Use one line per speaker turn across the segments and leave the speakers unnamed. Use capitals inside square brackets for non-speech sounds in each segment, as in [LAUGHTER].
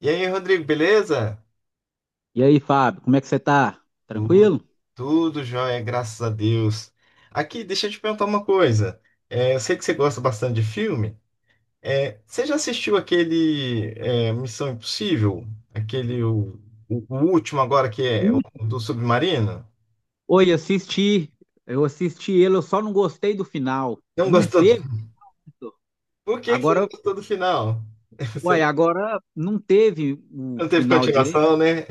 E aí, Rodrigo, beleza?
E aí, Fábio, como é que você tá?
Tu-
Tranquilo?
Tudo jóia, graças a Deus. Aqui, deixa eu te perguntar uma coisa. Eu sei que você gosta bastante de filme. Você já assistiu aquele Missão Impossível? Aquele, o, o último agora, que é o
Ui.
do submarino?
Oi, assisti. Eu assisti ele, eu só não gostei do final.
Não
Não
gostou?
teve
[LAUGHS]
isso?
Por que que você não
Agora,
gostou do final? [LAUGHS]
uai,
Você
agora não teve o
não teve
final direito.
continuação, né?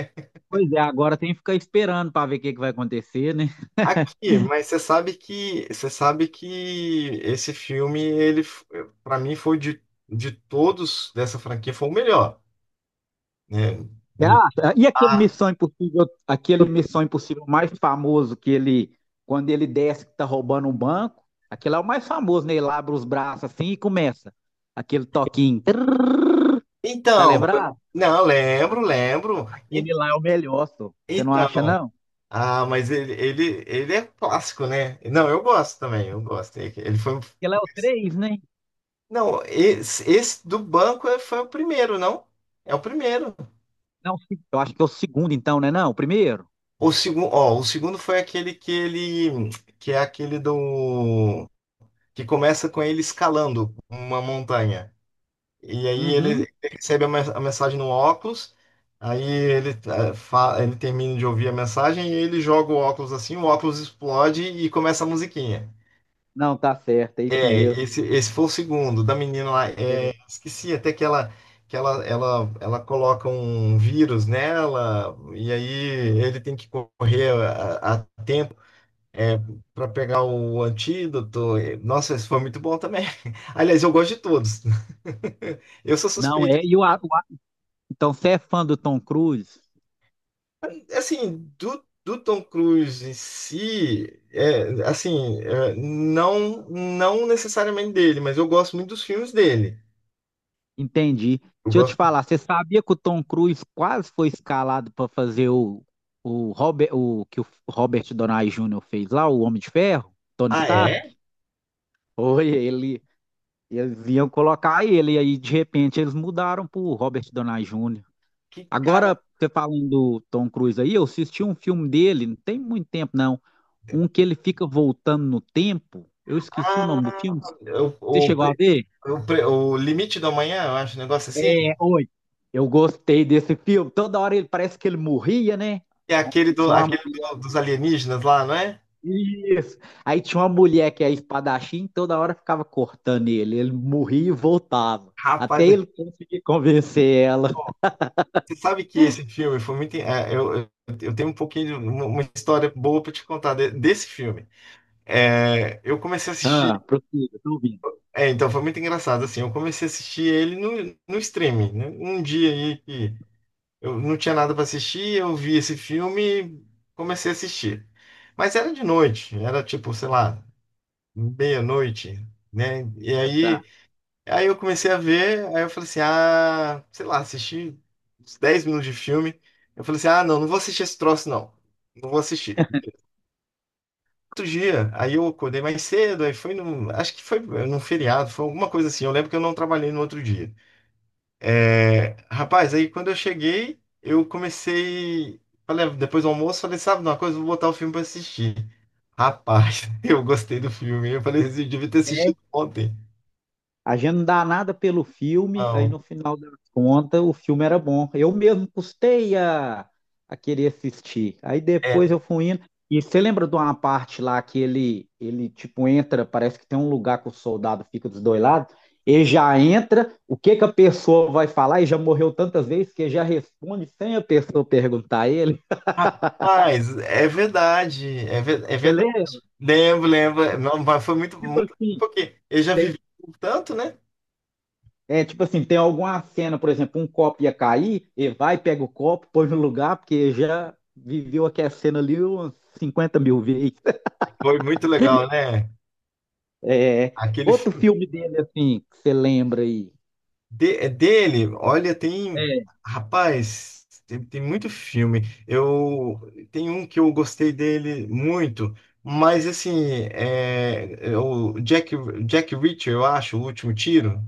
Pois é, agora tem que ficar esperando para ver o que que vai acontecer, né?
Aqui, mas você sabe que esse filme ele para mim foi de todos dessa franquia foi o melhor, né?
Você
De-
acha? E
Ah,
Aquele Missão Impossível mais famoso que ele, quando ele desce que tá roubando um banco, aquele é o mais famoso, né? Ele abre os braços assim e começa aquele toquinho. Tá
então,
lembrado?
não, lembro, lembro. En-
Ele lá é o melhor, só. Você não acha,
Então,
não?
ah, mas ele é clássico, né? Não, eu gosto também, eu gosto. Ele foi.
Porque lá é o três, né?
Não, esse do banco foi o primeiro, não? É o primeiro.
Não, o se- eu acho que é o segundo, então, né? Não, o primeiro?
O segundo, ó, o segundo foi aquele que ele que é aquele do que começa com ele escalando uma montanha. E aí ele
Uhum.
ele recebe a a mensagem no óculos, aí ele, ele termina de ouvir a mensagem e ele joga o óculos assim, o óculos explode e começa a musiquinha.
Não, tá certo, é isso
É,
mesmo.
esse foi o segundo, da menina lá. É,
É.
esqueci até que ela, que ela coloca um vírus nela, e aí ele tem que correr a é, para pegar o antídoto. É, nossa, esse foi muito bom também. [LAUGHS] Aliás, eu gosto de todos. [LAUGHS] Eu sou
Não
suspeito.
é. Então, você é fã do Tom Cruise?
Assim, do Tom Cruise em si, assim, não, não necessariamente dele, mas eu gosto muito dos filmes dele.
Entendi.
Eu
Deixa eu te
gosto.
falar, você sabia que o Tom Cruise quase foi escalado para fazer o que o Robert Downey Jr. fez lá, o Homem de Ferro? Tony
Ah,
Stark?
é?
Oi, ele. Eles iam colocar ele, e aí de repente eles mudaram pro Robert Downey Jr.
Que cara.
Agora, você falando do Tom Cruise aí, eu assisti um filme dele, não tem muito tempo não, um que ele fica voltando no tempo, eu esqueci o
Ah,
nome do filme,
eu-
você
o,
chegou a
pre-
ver?
o Limite da Manhã, eu acho, um negócio assim.
É, oi. Eu gostei desse filme, toda hora ele parece que ele morria, né?
É aquele, do,
Tinha uma
aquele
mulher,
dos alienígenas lá, não é?
isso. Aí tinha uma mulher que é espadachim, toda hora ficava cortando ele, ele morria e voltava,
Rapaz,
até ele conseguir convencer ela.
você sabe que esse filme foi muito. Eu tenho um pouquinho, de uma história boa pra te contar desse filme. É, eu comecei a assistir.
Ah, prossiga, tô ouvindo.
É, então foi muito engraçado, assim. Eu comecei a assistir ele no streaming, né? Um dia aí que eu não tinha nada pra assistir, eu vi esse filme e comecei a assistir. Mas era de noite, era tipo, sei lá, meia-noite, né? E
Tá.
aí, aí eu comecei a ver, aí eu falei assim, ah, sei lá, assisti uns 10 minutos de filme. Eu falei assim, ah, não, não vou assistir esse troço, não. Não vou assistir. Outro dia, aí eu acordei mais cedo, aí foi no, acho que foi num feriado, foi alguma coisa assim. Eu lembro que eu não trabalhei no outro dia. É, rapaz, aí quando eu cheguei, eu comecei, falei, "Ah, depois do almoço", falei, "sabe de uma coisa, vou botar o filme pra assistir". Rapaz, [LAUGHS] eu gostei do filme. Eu falei assim, eu devia ter
É,
assistido ontem.
a gente não dá nada pelo filme, aí
Não.
no final da conta o filme era bom. Eu mesmo custei a querer assistir. Aí depois
É,
eu fui indo. E você lembra de uma parte lá que ele tipo entra, parece que tem um lugar que o soldado fica dos dois lados, ele já entra, o que que a pessoa vai falar, e já morreu tantas vezes que ele já responde sem a pessoa perguntar a ele.
rapaz, é verdade, é, é
Você
verdade.
lembra?
Lembro, lembro. Não, mas foi muito,
Tipo
muito,
assim,
porque eu já
você
vivi um tanto, né?
Tipo assim, tem alguma cena, por exemplo, um copo ia cair, ele vai, pega o copo, põe no lugar, porque já viveu aquela cena ali umas 50 mil vezes. [LAUGHS]
Foi muito legal, né?
É,
Aquele
outro
filme
filme dele, assim, que você lembra aí.
é dele, olha, tem,
É,
rapaz, tem, tem muito filme. Eu tem um que eu gostei dele muito, mas assim, é o Jack, Jack Reacher, eu acho, o último tiro.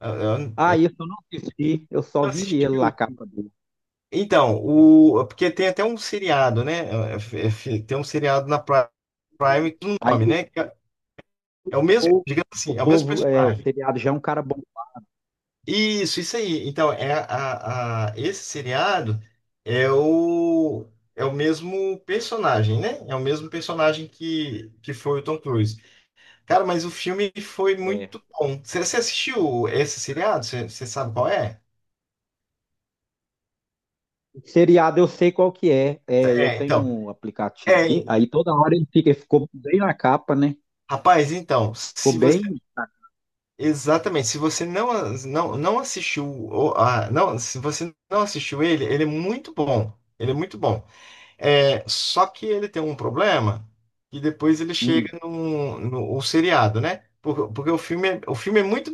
Eu
ah, isso eu não assisti, eu só vi
assisti.
ele lá, a capa dele.
Então, o, porque tem até um seriado, né? É, Tem um seriado na Prime com o
Aí
nome, né? Que É é o mesmo,
povo,
digamos
o
assim, é o mesmo
povo, é, o
personagem.
seriado já é um cara bom.
Isso aí. Então, é esse seriado é o, é o mesmo personagem, né? É o mesmo personagem que foi o Tom Cruise. Cara, mas o filme foi
É.
muito bom. Você assistiu esse seriado? Você sabe qual é?
O seriado eu sei qual que é. É, eu
É,
tenho
então.
um aplicativo
É,
aqui, aí toda hora ele fica, ele ficou bem na capa, né?
rapaz, então,
Ficou
se você.
bem,
Exatamente. Se você não, não, não assistiu, a, não, se você não assistiu ele, ele é muito bom. Ele é muito bom. É, só que ele tem um problema que depois ele chega
hum,
no, o seriado, né? Porque, porque o filme é muito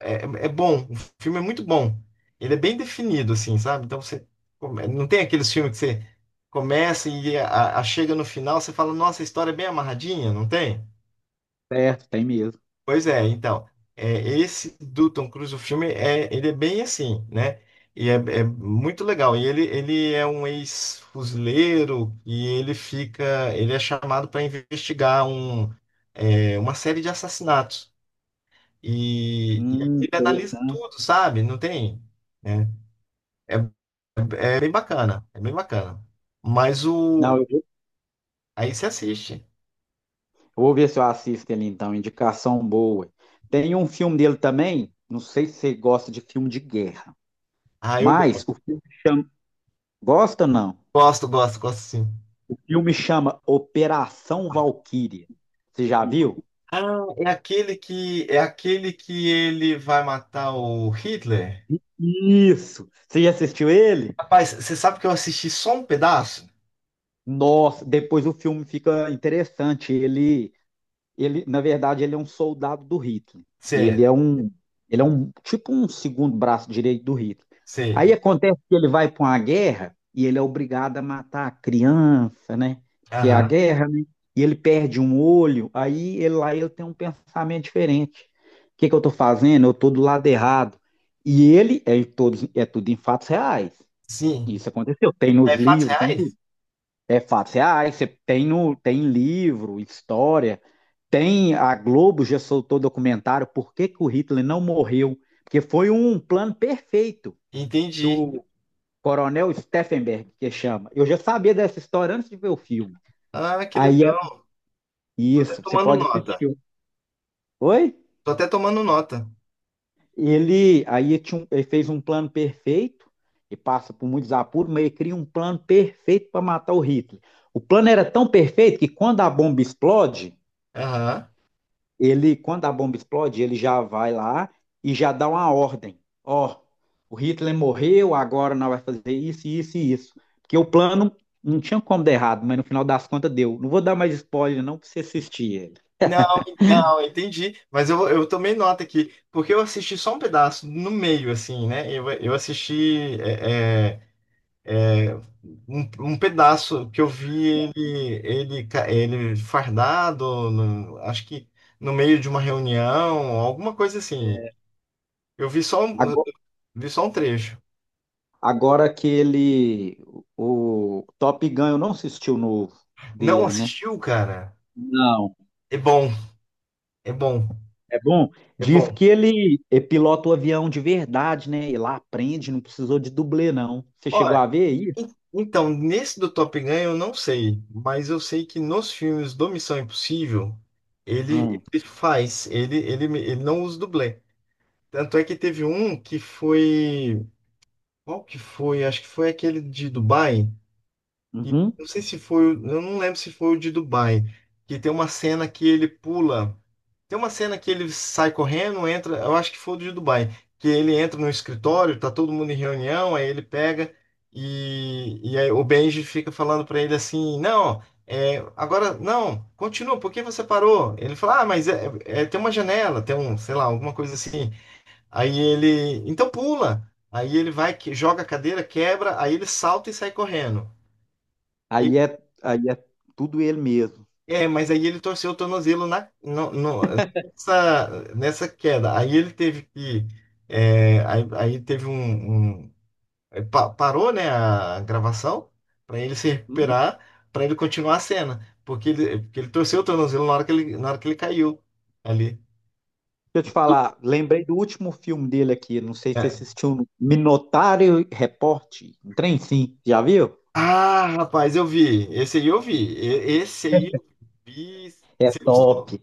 é, é bom. O filme é muito bom. Ele é bem definido, assim, sabe? Então você não tem aqueles filmes que você começa e chega no final, você fala, nossa, a história é bem amarradinha, não tem?
certo, tem mesmo.
Pois é, então, é, esse do Tom Cruise, o filme, ele é bem assim, né? E é, é muito legal. E ele é um ex-fuzileiro e ele fica, ele é chamado para investigar um, uma série de assassinatos. E aí
Hum,
ele
intere-
analisa tudo, sabe? Não tem, né? É, é bem bacana, é bem bacana. Mas
não,
o,
eu vou
aí você assiste.
eu vou ver se eu assisto ele então, indicação boa. Tem um filme dele também, não sei se você gosta de filme de guerra,
Ah, eu
mas
gosto,
o filme chama, gosta não?
gosto, gosto, gosto sim.
O filme chama Operação Valquíria. Você já viu?
Ah, é aquele que ele vai matar o Hitler.
Isso. Você já assistiu ele?
Rapaz, você sabe que eu assisti só um pedaço?
Nossa, depois o filme fica interessante. Ele, na verdade, ele é um soldado do Hitler. Ele
Certo,
é um, ele é um tipo um segundo braço direito do Hitler.
sei.
Aí acontece que ele vai para uma guerra e ele é obrigado a matar a criança, né? Porque é a
Aham.
guerra, né? E ele perde um olho, aí ele lá ele tem um pensamento diferente. O que que eu estou fazendo? Eu estou do lado errado. E ele é todos é tudo em fatos reais.
Sim.
Isso aconteceu, tem nos
É fatos
livros, tem tudo.
reais?
É fato. Você tem no, tem livro, história, tem a Globo já soltou documentário por que que o Hitler não morreu, porque foi um plano perfeito
Entendi.
do Coronel Steffenberg, que chama. Eu já sabia dessa história antes de ver o filme.
Ah, que
Aí é
legal. Tô até
isso, você
tomando
pode
nota.
assistir. Oi?
Tô até tomando nota.
Ele aí tinha um- ele fez um plano perfeito e passa por muitos apuros, mas ele cria um plano perfeito para matar o Hitler. O plano era tão perfeito que, quando a bomba explode
Aham.
ele, quando a bomba explode, ele já vai lá e já dá uma ordem. Ó, o Hitler morreu, agora nós vai fazer isso, isso e isso. Porque o plano não tinha como dar errado, mas no final das contas deu. Não vou dar mais spoiler, não, pra você assistir ele.
Não, não, entendi. Mas eu tomei nota aqui, porque eu assisti só um pedaço, no meio, assim, né? Eu assisti. É, Um, um pedaço que eu vi ele, ele, ele fardado, acho que no meio de uma reunião, alguma coisa assim.
É.
Eu vi só, eu
Ago-
vi só um trecho.
Agora, que ele. O Top Gun, eu não assisti o novo
Não
dele, né?
assistiu, cara?
Não.
É bom, é bom,
É bom?
é
Diz
bom.
que ele pilota o avião de verdade, né? Ele lá aprende, não precisou de dublê, não. Você
Ó,
chegou a ver isso?
então, nesse do Top Gun eu não sei, mas eu sei que nos filmes do Missão Impossível, ele,
Hum.
ele faz, ele não usa dublê. Tanto é que teve um que foi. Qual que foi? Acho que foi aquele de Dubai. E
Uhum.
não sei se foi, eu não lembro se foi o de Dubai. Que tem uma cena que ele pula. Tem uma cena que ele sai correndo, entra. Eu acho que foi o de Dubai. Que ele entra no escritório, tá todo mundo em reunião, aí ele pega e aí o Benji fica falando pra ele assim: "Não, agora não, continua, por que você parou?" Ele fala: "Ah, mas é, tem uma janela, tem um, sei lá, alguma coisa assim". Aí ele, então pula. Aí ele vai, joga a cadeira, quebra, aí ele salta e sai correndo. E-
Aí é tudo ele mesmo.
é, mas aí ele torceu o tornozelo nessa, nessa queda. Aí ele teve que, aí, aí teve um, é, parou, né, a gravação para ele se
Hum?
recuperar, para ele continuar a cena, porque ele torceu o tornozelo na hora que ele, na hora que ele caiu ali.
Deixa eu te falar, lembrei do último filme dele aqui, não sei se você assistiu, Minotário Report, um trem sim, já viu?
Ah, rapaz, eu vi. Esse aí eu vi. E- Esse aí eu vi.
É
Você gostou?
top.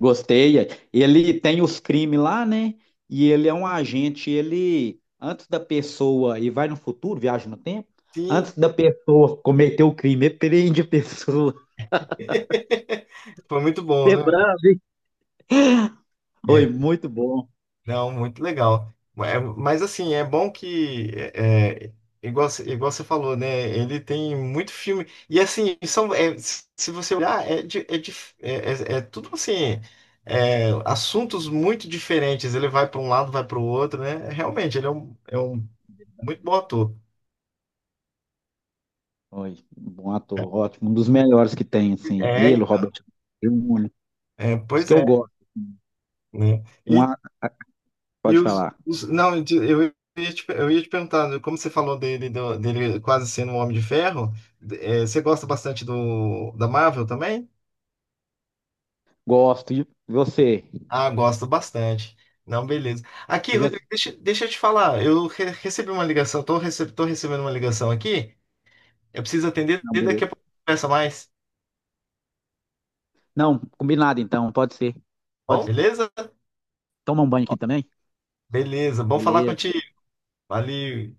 Gostei. Ele tem os crimes lá, né? E ele é um agente, ele, antes da pessoa, e vai no futuro, viaja no tempo,
Sim,
antes da pessoa cometer o crime, ele prende a pessoa. [LAUGHS]
[LAUGHS] foi muito bom,
Você é
né?
bravo, hein? Oi,
É,
muito bom.
não, muito legal. É, mas assim, é bom que, igual, igual você falou, né? Ele tem muito filme. E assim, são, se você olhar, é tudo assim, assuntos muito diferentes. Ele vai para um lado, vai para o outro, né? Realmente, ele é um muito bom ator.
Oi, bom ator, ótimo, um dos melhores que tem, assim,
É,
ele, o Robert Jr. Os
pois
que eu
é,
gosto.
né?
Um, a-
E
pode falar.
os não, eu eu ia te perguntar, né, como você falou dele, dele quase sendo um Homem de Ferro, você gosta bastante do, da Marvel também?
Gosto. E você?
Ah, gosto bastante. Não, beleza. Aqui,
Eu já.
Rodrigo, deixa, deixa eu te falar, eu recebi uma ligação, tô, rece, tô recebendo uma ligação aqui, eu preciso atender
Não,
e daqui a
beleza.
pouco conversa mais.
Não, combinado então, pode ser.
Bom, beleza?
Toma um banho aqui também?
Beleza, bom falar
Beleza.
contigo. Valeu.